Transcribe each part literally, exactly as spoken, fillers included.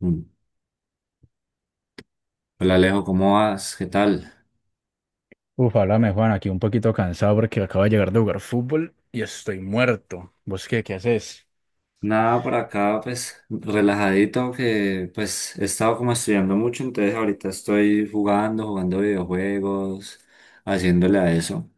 Mm. Hola, Alejo, ¿cómo vas? ¿Qué tal? Uf, háblame, Juan, aquí un poquito cansado porque acabo de llegar de jugar fútbol y estoy muerto. ¿Vos qué, qué haces? Nada, por acá pues relajadito que pues he estado como estudiando mucho, entonces ahorita estoy jugando, jugando videojuegos, haciéndole a eso,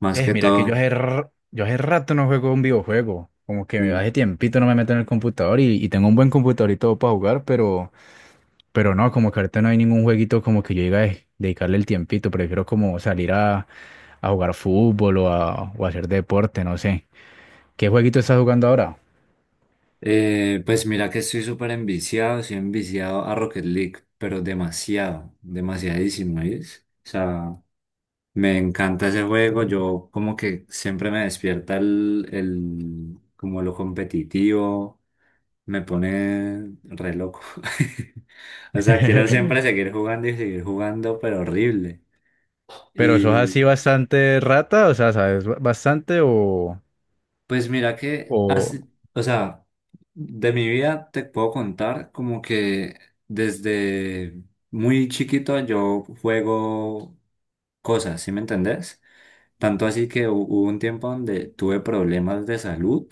más Eh, que mira que todo. yo hace, r- yo hace rato no juego un videojuego. Como que Mm. hace tiempito no me meto en el computador y, y tengo un buen computador y todo para jugar, pero, pero no, como que ahorita no hay ningún jueguito como que yo diga: "Eh, dedicarle el tiempito. Prefiero como salir a, a jugar fútbol o a, o a hacer deporte, no sé. ¿Qué jueguito estás jugando ahora?" Eh, pues mira que estoy súper enviciado, estoy enviciado a Rocket League, pero demasiado, demasiadísimo, ¿ves? O sea, me encanta ese juego, yo como que siempre me despierta el, el como lo competitivo. Me pone re loco. O sea, quiero siempre seguir jugando y seguir jugando, pero horrible. Pero sos Y así bastante rata, o sea, ¿sabes ba- ¿bastante o, pues mira que, o? así- o sea, de mi vida te puedo contar como que desde muy chiquito yo juego cosas, ¿sí me entendés? Tanto así que hu- hubo un tiempo donde tuve problemas de salud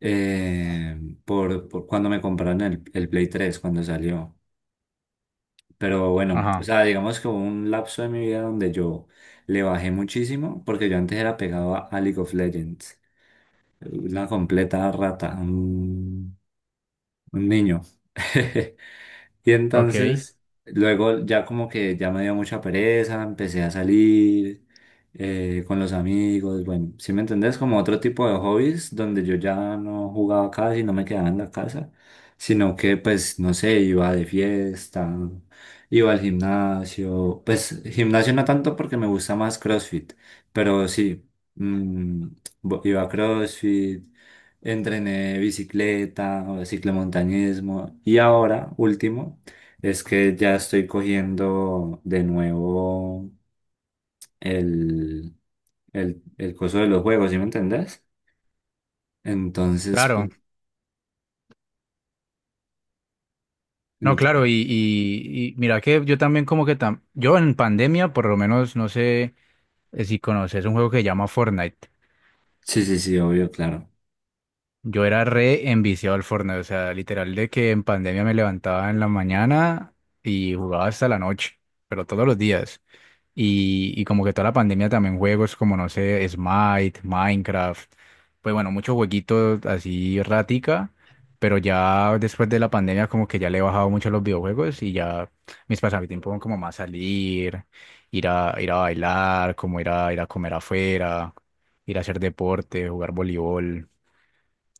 eh, por, por cuando me compraron el, el Play tres cuando salió. Pero bueno, o Ajá, sea, digamos que hubo un lapso de mi vida donde yo le bajé muchísimo, porque yo antes era pegado a a League of Legends, una completa rata, un, un niño. Y ok, entonces, luego ya como que ya me dio mucha pereza, empecé a salir eh, con los amigos, bueno, ¿si me entendés? Como otro tipo de hobbies donde yo ya no jugaba casi, no me quedaba en la casa, sino que pues, no sé, iba de fiesta, iba al gimnasio, pues gimnasio no tanto porque me gusta más CrossFit, pero sí, mm, bo- iba a CrossFit. Entrené bicicleta o ciclomontañismo y ahora, último, es que ya estoy cogiendo de nuevo el, el, el coso de los juegos, ¿sí me entendés? Entonces, claro. pues, No, ent- claro, y, y, y mira que yo también como que tam yo en pandemia, por lo menos, no sé, eh, si conoces un juego que se llama Fortnite. sí, sí, sí, obvio, claro. Yo era re enviciado al Fortnite, o sea, literal de que en pandemia me levantaba en la mañana y jugaba hasta la noche, pero todos los días. Y, y como que toda la pandemia también juegos como, no sé, Smite, Minecraft, pues bueno, muchos jueguitos así ratica, pero ya después de la pandemia como que ya le he bajado mucho a los videojuegos y ya mis pasatiempos son como más salir, ir a, ir a bailar, como ir a, ir a comer afuera, ir a hacer deporte, jugar voleibol,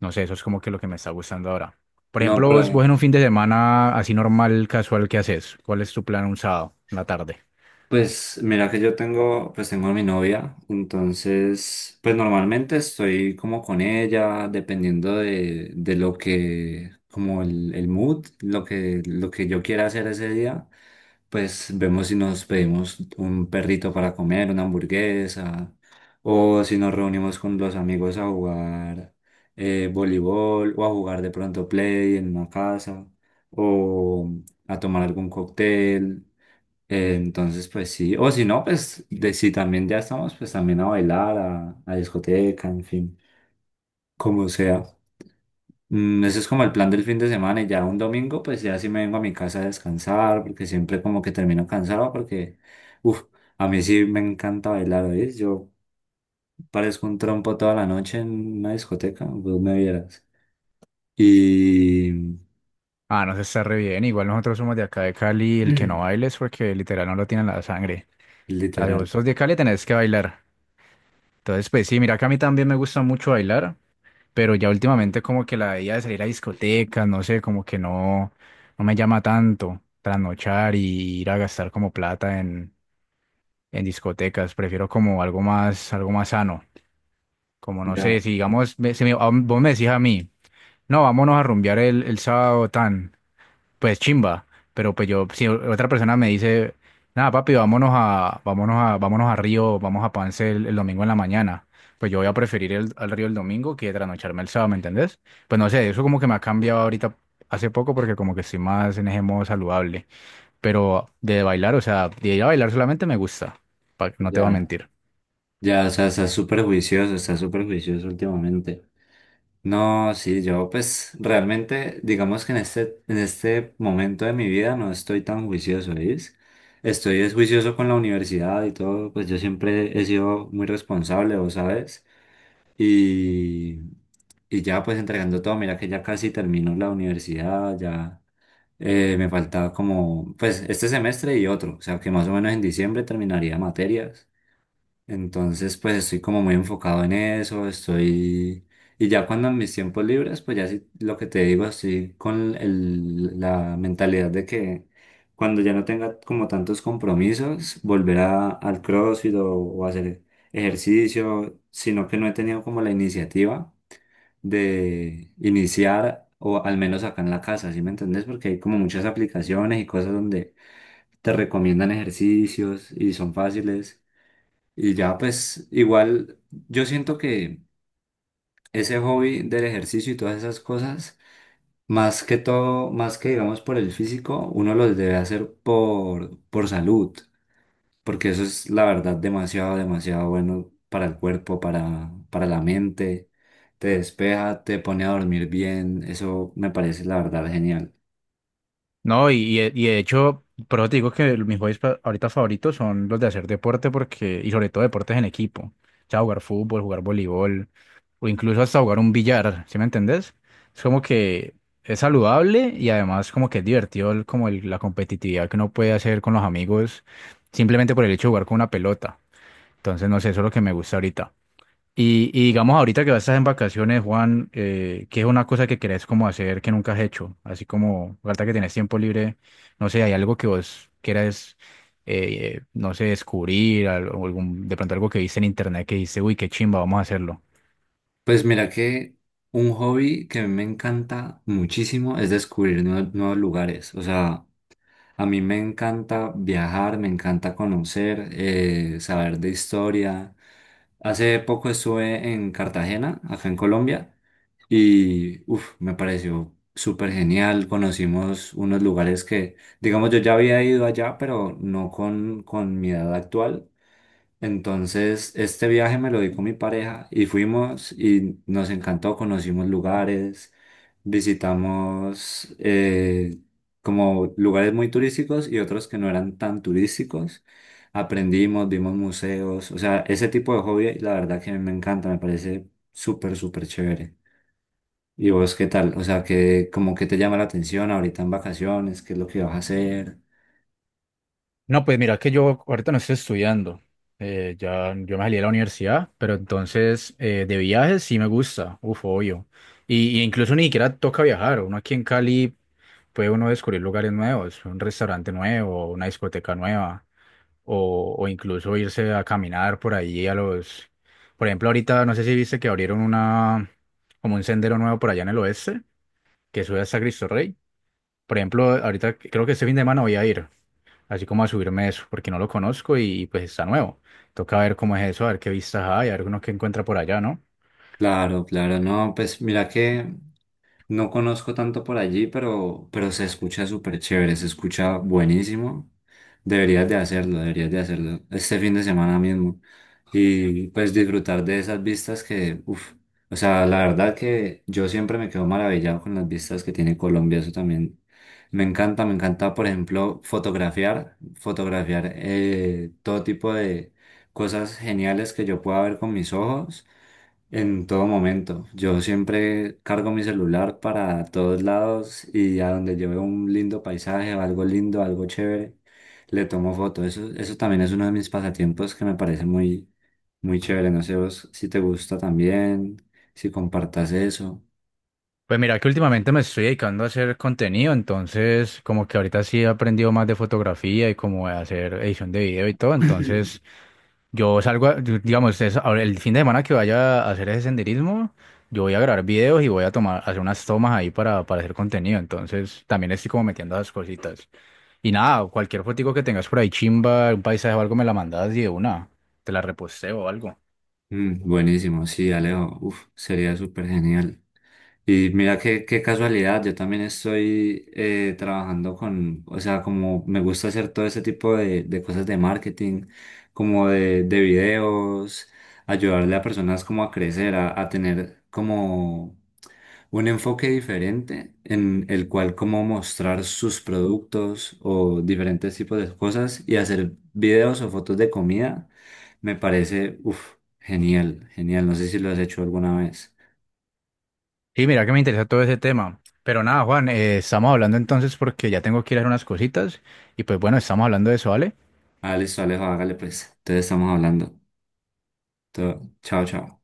no sé, eso es como que lo que me está gustando ahora. Por No, ejemplo, vos, pero vos en un fin de semana así normal, casual, ¿qué haces? ¿Cuál es tu plan un sábado en la tarde? pues mira que yo tengo, pues tengo a mi novia, entonces pues normalmente estoy como con ella, dependiendo de, de lo que, como el, el mood, lo que, lo que yo quiera hacer ese día, pues vemos si nos pedimos un perrito para comer, una hamburguesa, o si nos reunimos con los amigos a jugar eh, voleibol, o a jugar de pronto play en una casa, o a tomar algún cóctel. Eh, entonces, pues sí, o si no, pues de, si también ya estamos, pues también a bailar, a, a discoteca, en fin, como sea. Mm, ese es como el plan del fin de semana y ya un domingo, pues ya sí me vengo a mi casa a descansar, porque siempre como que termino cansado, porque, uff, a mí sí me encanta bailar, ¿oís? Yo parezco un trompo toda la noche en una discoteca, vos me vieras. Y Ah, no, se está re bien. Igual nosotros somos de acá de Cali, el que no baile es porque literal no lo tienen la sangre. O sea, si literal, vos sos de Cali tenés que bailar. Entonces, pues sí, mira que a mí también me gusta mucho bailar, pero ya últimamente como que la idea de salir a discotecas, no sé, como que no, no me llama tanto trasnochar y ir a gastar como plata en, en discotecas. Prefiero como algo más, algo más sano. Como no ya, sé, si digamos, me- si me- a- vos me decís a mí, no, vámonos a rumbear el, el sábado tan, pues chimba, pero pues yo, si otra persona me dice, nada, papi, vámonos a, vámonos a, vámonos a Río, vamos a Pance el, el domingo en la mañana, pues yo voy a preferir el, al Río el domingo que trasnocharme el sábado, ¿me entendés? Pues no sé, eso como que me ha cambiado ahorita hace poco porque como que estoy más en ese modo saludable, pero de bailar, o sea, de ir a bailar solamente me gusta, pa- no te voy a ya, mentir. ya, o sea, está súper juicioso, está súper juicioso últimamente. No, sí, yo pues realmente, digamos que en este, en este momento de mi vida no estoy tan juicioso, ¿veis? Estoy es juicioso con la universidad y todo, pues yo siempre he sido muy responsable, vos sabes, y, y ya pues entregando todo, mira que ya casi termino la universidad, ya eh, me faltaba como, pues este semestre y otro, o sea que más o menos en diciembre terminaría materias. Entonces, pues estoy como muy enfocado en eso, estoy... Y ya cuando en mis tiempos libres, pues ya sí, lo que te digo, estoy con el- la mentalidad de que cuando ya no tenga como tantos compromisos, volver a, al CrossFit o, o hacer ejercicio, sino que no he tenido como la iniciativa de iniciar, o al menos acá en la casa, ¿sí me entendés? Porque hay como muchas aplicaciones y cosas donde te recomiendan ejercicios y son fáciles. Y ya, pues igual yo siento que ese hobby del ejercicio y todas esas cosas, más que todo, más que digamos por el físico, uno los debe hacer por, por salud, porque eso es la verdad demasiado, demasiado bueno para el cuerpo, para, para la mente, te despeja, te pone a dormir bien, eso me parece la verdad genial. No, y, y de y de hecho, por eso te digo que mis hobbies pa- ahorita favoritos son los de hacer deporte porque, y sobre todo deportes en equipo. O sea, jugar fútbol, jugar voleibol, o incluso hasta jugar un billar, ¿sí me entendés? Es como que es saludable y además como que es divertido el- como el- la competitividad que uno puede hacer con los amigos simplemente por el hecho de jugar con una pelota. Entonces, no sé, eso es lo que me gusta ahorita. Y, y digamos ahorita que vas a estar en vacaciones, Juan, eh, ¿qué es una cosa que querés como hacer que nunca has hecho? Así como ahorita que tenés tiempo libre, no sé, ¿hay algo que vos quieras, eh, no sé, descubrir, al- o algún, de pronto algo que viste en internet que dice, uy, qué chimba, vamos a hacerlo? Pues mira que un hobby que a mí me encanta muchísimo es descubrir nue- nuevos lugares, o sea... A mí me encanta viajar, me encanta conocer, eh, saber de historia. Hace poco estuve en Cartagena, acá en Colombia, y uf, me pareció súper genial. Conocimos unos lugares que, digamos, yo ya había ido allá, pero no con, con mi edad actual. Entonces, este viaje me lo di con mi pareja y fuimos y nos encantó, conocimos lugares, visitamos eh, como lugares muy turísticos y otros que no eran tan turísticos. Aprendimos, vimos museos, o sea, ese tipo de hobby, la verdad que a mí me encanta, me parece súper, súper chévere. ¿Y vos qué tal? O sea, ¿que como que te llama la atención ahorita en vacaciones, qué es lo que vas a hacer? No, pues mira que yo ahorita no estoy estudiando. Eh, ya yo me salí de la universidad, pero entonces eh, de viajes sí me gusta, uf, obvio. Y, y incluso ni siquiera toca viajar. Uno aquí en Cali puede uno descubrir lugares nuevos, un restaurante nuevo, una discoteca nueva, o, o incluso irse a caminar por ahí a los. Por ejemplo, ahorita no sé si viste que abrieron una como un sendero nuevo por allá en el oeste que sube hasta Cristo Rey. Por ejemplo, ahorita creo que este fin de semana voy a ir así como a subirme eso, porque no lo conozco y pues está nuevo. Toca ver cómo es eso, a ver qué vistas hay, a ver uno que encuentra por allá, ¿no? Claro, claro, no, pues mira que no conozco tanto por allí, pero, pero se escucha súper chévere, se escucha buenísimo. Deberías de hacerlo, deberías de hacerlo este fin de semana mismo. Y pues disfrutar de esas vistas que, uff, o sea, la verdad que yo siempre me quedo maravillado con las vistas que tiene Colombia, eso también. Me encanta, me encanta, por ejemplo, fotografiar, fotografiar eh, todo tipo de cosas geniales que yo pueda ver con mis ojos. En todo momento. Yo siempre cargo mi celular para todos lados y a donde yo veo un lindo paisaje o algo lindo, algo chévere, le tomo foto. Eso, eso también es uno de mis pasatiempos que me parece muy, muy chévere. No sé vos si te gusta también, si compartas eso. Pues mira que últimamente me estoy dedicando a hacer contenido, entonces como que ahorita sí he aprendido más de fotografía y como de hacer edición de video y todo, entonces yo salgo, a- yo- digamos, es- ahora el fin de semana que vaya a hacer ese senderismo, yo voy a grabar videos y voy a tomar, hacer unas tomas ahí para, para hacer contenido, entonces también estoy como metiendo esas cositas. Y nada, cualquier fotico que tengas por ahí, chimba, un paisaje o algo, me la mandas y de una, te la reposteo o algo. Mm, buenísimo, sí, Alejo. Uf, sería súper genial. Y mira qué, qué casualidad, yo también estoy eh, trabajando con, o sea, como me gusta hacer todo ese tipo de, de cosas de marketing, como de, de videos, ayudarle a personas como a crecer, a, a tener como un enfoque diferente en el cual como mostrar sus productos o diferentes tipos de cosas y hacer videos o fotos de comida, me parece, uff, genial, genial, no sé si lo has hecho alguna vez. Sí, mira que me interesa todo ese tema. Pero nada, Juan, eh, estamos hablando entonces porque ya tengo que ir a hacer unas cositas. Y pues bueno, estamos hablando de eso, ¿vale? Ah, listo, Alejo, hágale pues. Entonces estamos hablando. Todo- Chao, chao.